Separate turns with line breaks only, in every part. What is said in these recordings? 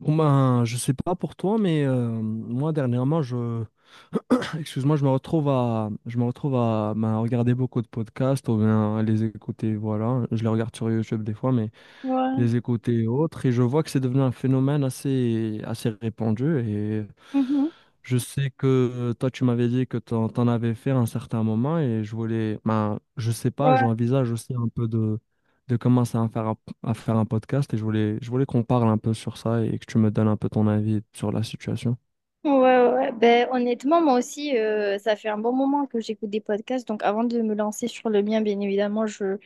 Bon ben, je sais pas pour toi, mais moi dernièrement, excuse-moi, je me retrouve à ben, regarder beaucoup de podcasts ou bien à les écouter. Voilà, je les regarde sur YouTube des fois, mais
Ouais.
les écouter et autres. Et je vois que c'est devenu un phénomène assez répandu. Et
Mhm.
je sais que toi, tu m'avais dit que t'en avais fait à un certain moment. Et ben, je sais pas,
Ouais,
j'envisage aussi un peu de commencer à à faire un podcast. Et je voulais qu'on parle un peu sur ça et que tu me donnes un peu ton avis sur la situation.
ouais, ouais. Ouais. Ben, honnêtement, moi aussi, ça fait un bon moment que j'écoute des podcasts. Donc, avant de me lancer sur le mien, bien évidemment, je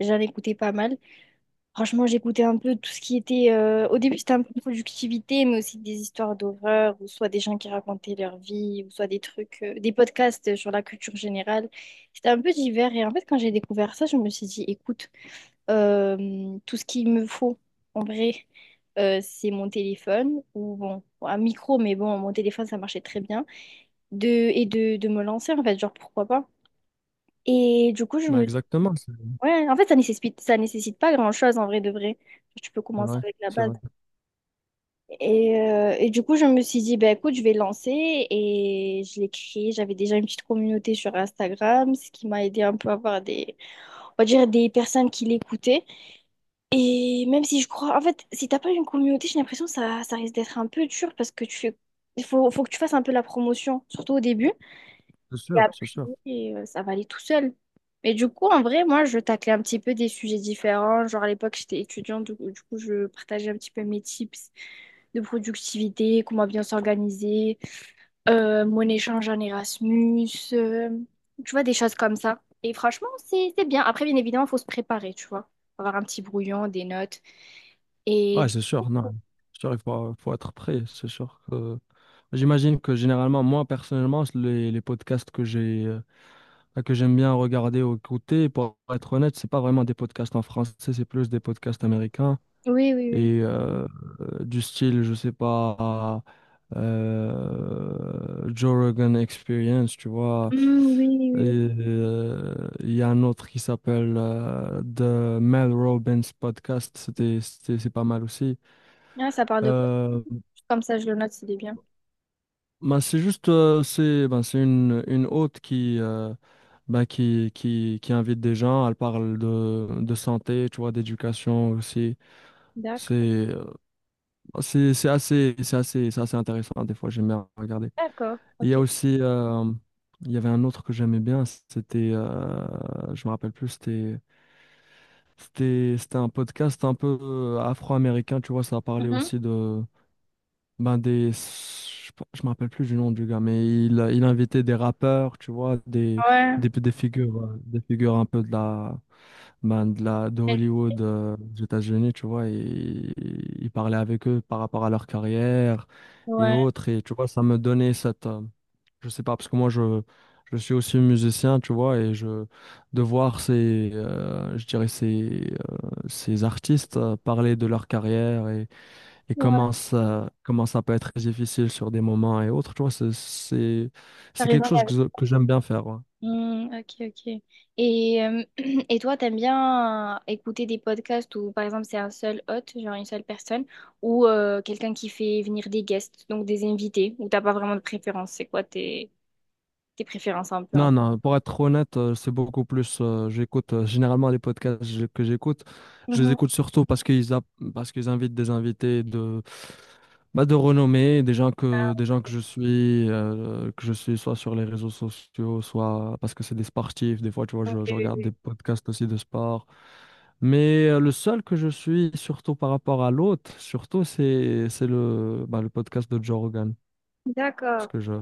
j'en écoutais pas mal. Franchement, j'écoutais un peu tout ce qui était. Au début, c'était un peu productivité, mais aussi des histoires d'horreur, ou soit des gens qui racontaient leur vie, ou soit des trucs, des podcasts sur la culture générale. C'était un peu divers. Et en fait, quand j'ai découvert ça, je me suis dit, écoute. Tout ce qu'il me faut, en vrai, c'est mon téléphone ou bon, un micro, mais bon, mon téléphone, ça marchait très bien. De me lancer, en fait, genre, pourquoi pas. Et du coup, je
Ben,
me...
exactement,
Ouais, en fait, ça nécessite pas grand-chose, en vrai, de vrai. Tu peux
c'est
commencer avec la base.
vrai.
Et du coup, je me suis dit, bah, écoute, je vais lancer. Et je l'ai créé. J'avais déjà une petite communauté sur Instagram, ce qui m'a aidé un peu à avoir des, on va dire, des personnes qui l'écoutaient. Et même si je crois, en fait, si t'as pas une communauté, j'ai l'impression que ça risque d'être un peu dur parce que tu fais, il faut que tu fasses un peu la promotion, surtout au début. Et
C'est sûr.
après, ça va aller tout seul. Mais du coup, en vrai, moi, je taclais un petit peu des sujets différents. Genre, à l'époque, j'étais étudiante, du coup, je partageais un petit peu mes tips de productivité, comment bien s'organiser, mon échange en Erasmus, euh, tu vois, des choses comme ça. Et franchement, c'est bien. Après, bien évidemment, il faut se préparer, tu vois. Faut avoir un petit brouillon, des notes. Et
Ouais,
du
c'est sûr,
coup,
non. C'est sûr, faut être prêt, c'est sûr que. J'imagine que généralement, moi personnellement, les podcasts que que j'aime bien regarder ou écouter, pour être honnête, c'est pas vraiment des podcasts en français, c'est plus des podcasts américains
oui, oui.
et du style, je sais pas, Joe Rogan Experience, tu vois.
Mmh, oui. Hmm, oui,
Et,
oui,
il y a un autre qui s'appelle The Mel Robbins Podcast, c'est pas mal aussi.
oui. Ah, ça parle de quoi?
Euh,
Comme ça, je le note, c'est bien.
Ben, c'est juste c'est ben, une hôte qui ben, qui invite des gens, elle parle de santé, tu vois, d'éducation aussi. C'est
D'accord.
euh, bah, c'est assez intéressant des fois, j'aime bien regarder.
D'accord.
Il y
Ok.
a aussi il y avait un autre que j'aimais bien, c'était je me rappelle plus, c'était un podcast un peu afro-américain, tu vois, ça parlait
Mhm.
aussi de ben je me rappelle plus du nom du gars, mais il invitait des rappeurs, tu vois,
Ouais.
des figures un peu ben, de Hollywood, aux États-Unis, tu vois, et il parlait avec eux par rapport à leur carrière et
Ouais.
autres, et tu vois, ça me donnait je sais pas, parce que je suis aussi musicien, tu vois, de voir ces, je dirais ces, ces artistes parler de leur carrière et
Ouais.
comment ça peut être difficile sur des moments et autres, tu vois,
Ça
c'est quelque chose
raisonnable.
que j'aime bien faire. Ouais.
Hmm, ok, ok. Et, euh, et toi, t'aimes bien écouter des podcasts où, par exemple, c'est un seul hôte, genre une seule personne, ou quelqu'un qui fait venir des guests, donc des invités, ou t'as pas vraiment de préférence? C'est quoi tes, tes préférences un peu?
Non,
Hein.
non, pour être honnête, c'est beaucoup plus, j'écoute, généralement les podcasts que j'écoute, je les
Mhm.
écoute surtout parce qu'ils parce qu'ils invitent des invités bah, de renommée, des gens que je suis soit sur les réseaux sociaux, soit parce que c'est des sportifs, des fois, tu vois, je
Ok.
regarde des podcasts aussi de sport. Mais le seul que je suis, surtout par rapport à l'autre, surtout, c'est bah, le podcast de Joe Rogan. Parce
D'accord.
que je,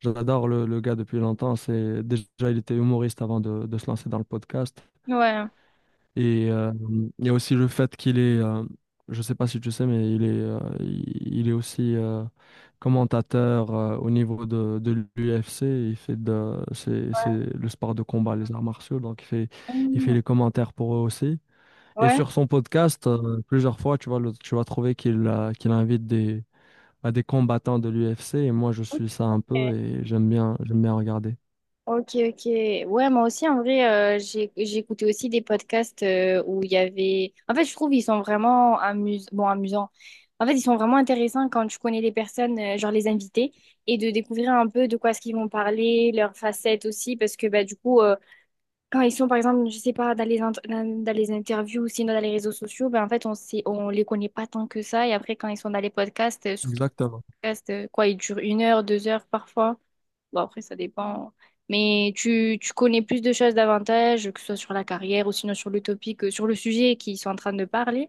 j'adore le gars depuis longtemps. C'est, déjà, il était humoriste avant de se lancer dans le podcast.
Ouais.
Et il y a aussi le fait qu'il est, je ne sais pas si tu sais, mais il est aussi commentateur au niveau de l'UFC. C'est le sport de combat, les arts martiaux. Donc, il fait
Mhm.
les commentaires pour eux aussi. Et
Ouais.
sur son podcast, plusieurs fois, tu vas trouver qu'il invite à des combattants de l'UFC. Et moi, je
Ok.
suis ça un peu et j'aime bien regarder.
Ok, ok. Ouais, moi aussi, en vrai, j'ai écouté aussi des podcasts où il y avait... En fait, je trouve ils sont vraiment amus... bon, amusants. En fait, ils sont vraiment intéressants quand tu connais les personnes, genre les invités, et de découvrir un peu de quoi est-ce qu'ils vont parler, leurs facettes aussi, parce que bah, du coup, quand ils sont, par exemple, je sais pas, dans les interviews ou sinon dans les réseaux sociaux, bah, en fait, on sait, on les connaît pas tant que ça. Et après, quand ils sont dans les podcasts, surtout
Exactement.
les podcasts, quoi, ils durent une heure, deux heures parfois. Bon, après, ça dépend. Mais tu connais plus de choses davantage, que ce soit sur la carrière ou sinon sur l'utopie que sur le sujet qu'ils sont en train de parler.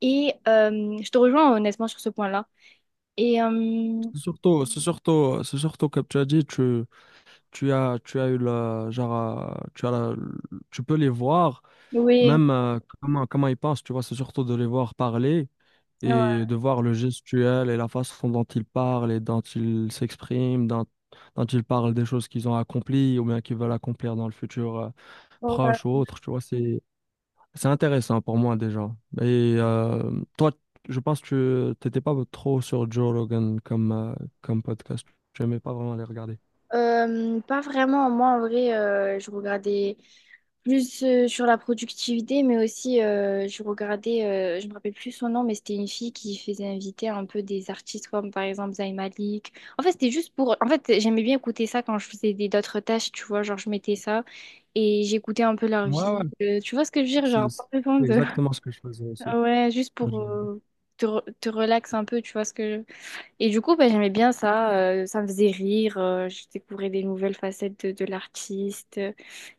Et je te rejoins honnêtement sur ce point-là. Et
C'est surtout comme tu as dit, tu as eu le, tu peux les voir,
oui,
même comment ils pensent, tu vois, c'est surtout de les voir parler
ouais,
et de voir le gestuel et la façon dont ils parlent et dont ils s'expriment, dont ils parlent des choses qu'ils ont accomplies ou bien qu'ils veulent accomplir dans le futur proche ou
ouais.
autre, tu vois, c'est intéressant pour moi déjà. Et toi, je pense que tu t'étais pas trop sur Joe Rogan comme, comme podcast. Tu n'aimais pas vraiment les regarder.
Pas vraiment. Moi, en vrai, je regardais plus sur la productivité, mais aussi je me rappelle plus son nom, mais c'était une fille qui faisait inviter un peu des artistes comme par exemple Zayn Malik. En fait, c'était juste pour. En fait, j'aimais bien écouter ça quand je faisais des d'autres tâches, tu vois. Genre, je mettais ça et j'écoutais un peu leur
Ouais, ouais.
vie. Tu vois ce que je veux dire? Genre, pas besoin
C'est
de.
exactement ce que je faisais aussi.
Ouais, juste pour
Je-
te relaxer un peu, tu vois ce que je. Et du coup, bah, j'aimais bien ça, ça me faisait rire, je découvrais des nouvelles facettes de l'artiste.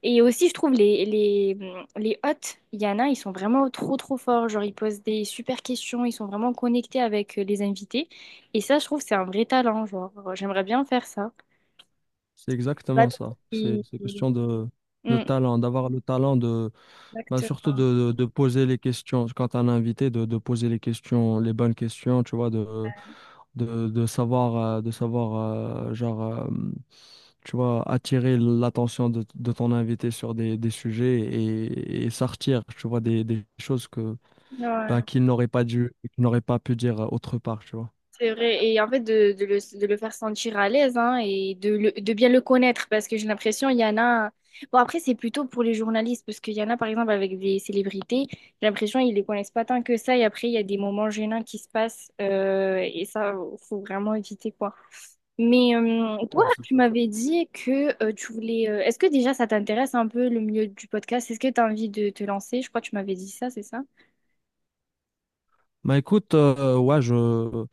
Et aussi, je trouve les hôtes, il y en a, ils sont vraiment trop trop forts, genre ils posent des super questions, ils sont vraiment connectés avec les invités. Et ça, je trouve, c'est un vrai talent, genre j'aimerais bien faire ça.
C'est
Bah,
exactement ça.
Et-
C'est question de
Mm,
talent, d'avoir le talent de bah,
exactement.
surtout de poser les questions, quand tu as un invité, de poser les questions, les bonnes questions, tu vois, de savoir tu vois, attirer l'attention de ton invité sur des sujets et sortir, tu vois, des choses que, bah,
Ouais.
qu'il n'aurait pas dû, qu'il n'aurait pas pu dire autre part, tu vois.
C'est vrai, et en fait de le faire sentir à l'aise hein, et de bien le connaître parce que j'ai l'impression il y en a. Bon, après, c'est plutôt pour les journalistes parce qu'il y en a par exemple avec des célébrités, j'ai l'impression ils les connaissent pas tant que ça et après il y a des moments gênants qui se passent et ça, faut vraiment éviter quoi. Mais toi,
Ouais, c'est
tu
sûr.
m'avais dit que tu voulais. Euh, est-ce que déjà ça t'intéresse un peu le milieu du podcast? Est-ce que tu as envie de te lancer? Je crois que tu m'avais dit ça, c'est ça?
Bah écoute, ouais,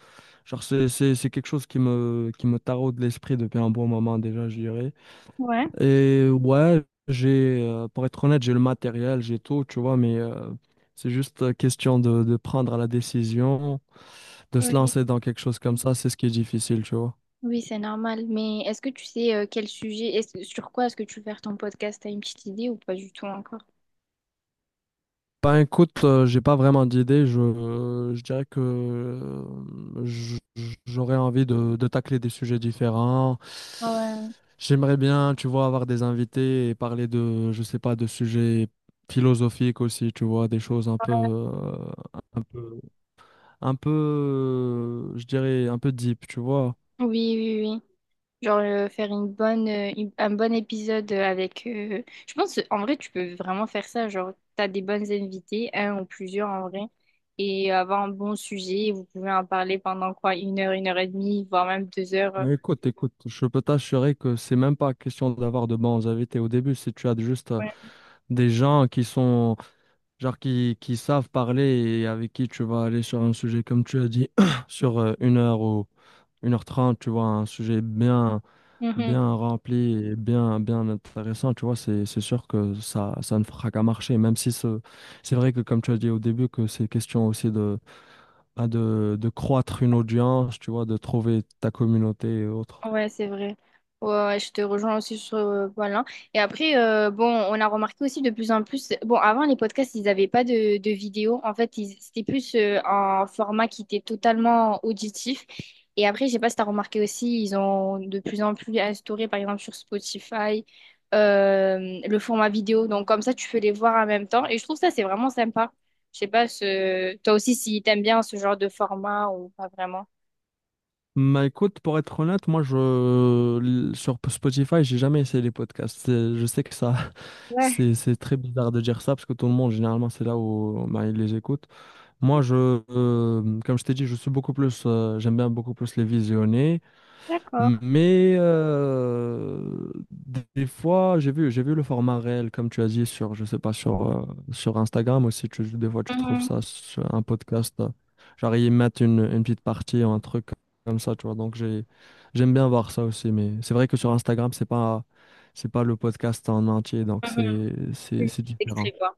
genre c'est quelque chose qui me taraude l'esprit depuis un bon moment déjà, je dirais.
Ouais.
Et ouais, pour être honnête, j'ai le matériel, j'ai tout, tu vois, mais c'est juste question de prendre la décision, de se lancer dans quelque chose comme ça, c'est ce qui est difficile, tu vois.
Oui, c'est normal. Mais est-ce que tu sais quel sujet, est-ce- sur quoi est-ce que tu veux faire ton podcast? T'as une petite idée ou pas du tout encore?
Ben écoute, j'ai pas vraiment d'idée, je dirais que j'aurais envie de tacler des sujets différents.
Ouais.
J'aimerais bien, tu vois, avoir des invités et parler de, je sais pas, de sujets philosophiques aussi, tu vois, des choses un peu, un peu je dirais, un peu deep, tu vois.
Oui, oui, oui. Genre faire une bonne, une- un bon épisode avec. Je pense en vrai tu peux vraiment faire ça. Genre t'as des bonnes invités, un ou plusieurs en vrai, et avoir un bon sujet. Vous pouvez en parler pendant quoi? Une heure et demie, voire même deux heures. Euh.
Mais écoute, je peux t'assurer que c'est même pas question d'avoir de bons invités au début. Si tu as juste des gens qui sont, genre, qui savent parler et avec qui tu vas aller sur un sujet, comme tu as dit, sur une heure ou une heure trente, tu vois, un sujet
Ouais.
bien rempli et bien intéressant, tu vois, c'est sûr que ça ne fera qu'à marcher, même si c'est vrai que, comme tu as dit au début, que c'est question aussi bah, de croître une audience, tu vois, de trouver ta communauté et autres.
Ouais, c'est vrai. Ouais, ouais, je te rejoins aussi sur voilà. Et après, bon, on a remarqué aussi de plus en plus. Bon, avant les podcasts, ils n'avaient pas de, de vidéo. En fait, ils- c'était plus un format qui était totalement auditif. Et après, je sais pas si tu as remarqué aussi, ils ont de plus en plus instauré, par exemple, sur Spotify, euh, le format vidéo. Donc, comme ça, tu peux les voir en même temps. Et je trouve ça, c'est vraiment sympa. Je sais pas, ce... toi aussi, si t'aimes bien ce genre de format ou pas vraiment.
Bah écoute, pour être honnête, sur Spotify, j'ai jamais essayé les podcasts. C'est, je sais que ça
Ouais,
c'est très bizarre de dire ça parce que tout le monde généralement c'est là où bah, ils les écoutent. Moi je comme je t'ai dit, je suis beaucoup plus j'aime bien beaucoup plus les visionner.
d'accord.
Mais des fois, j'ai vu le format réel, comme tu as dit, je sais pas, sur Instagram aussi. Des fois, tu trouves
Mhm,
ça sur un podcast. Genre, ils mettent une petite partie ou un truc comme ça, tu vois. Donc, j'aime bien voir ça aussi. Mais c'est vrai que sur Instagram, c'est pas le podcast en entier. Donc,
mhm. Des
c'est différent.
extraits, quoi.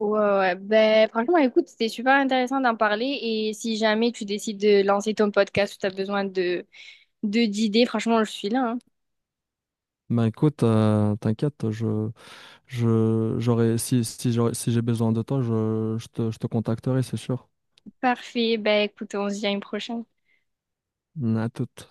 Ouais, ouais. Ben, franchement, écoute, c'était super intéressant d'en parler. Et si jamais tu décides de lancer ton podcast ou tu as besoin de, d'idées, franchement, je suis là, hein.
Ben écoute, t'inquiète, je, j'aurais, si, si, j'aurais- si j'ai besoin de toi, je te contacterai, c'est sûr.
Parfait. Ben, écoute, on se dit à une prochaine.
À toute.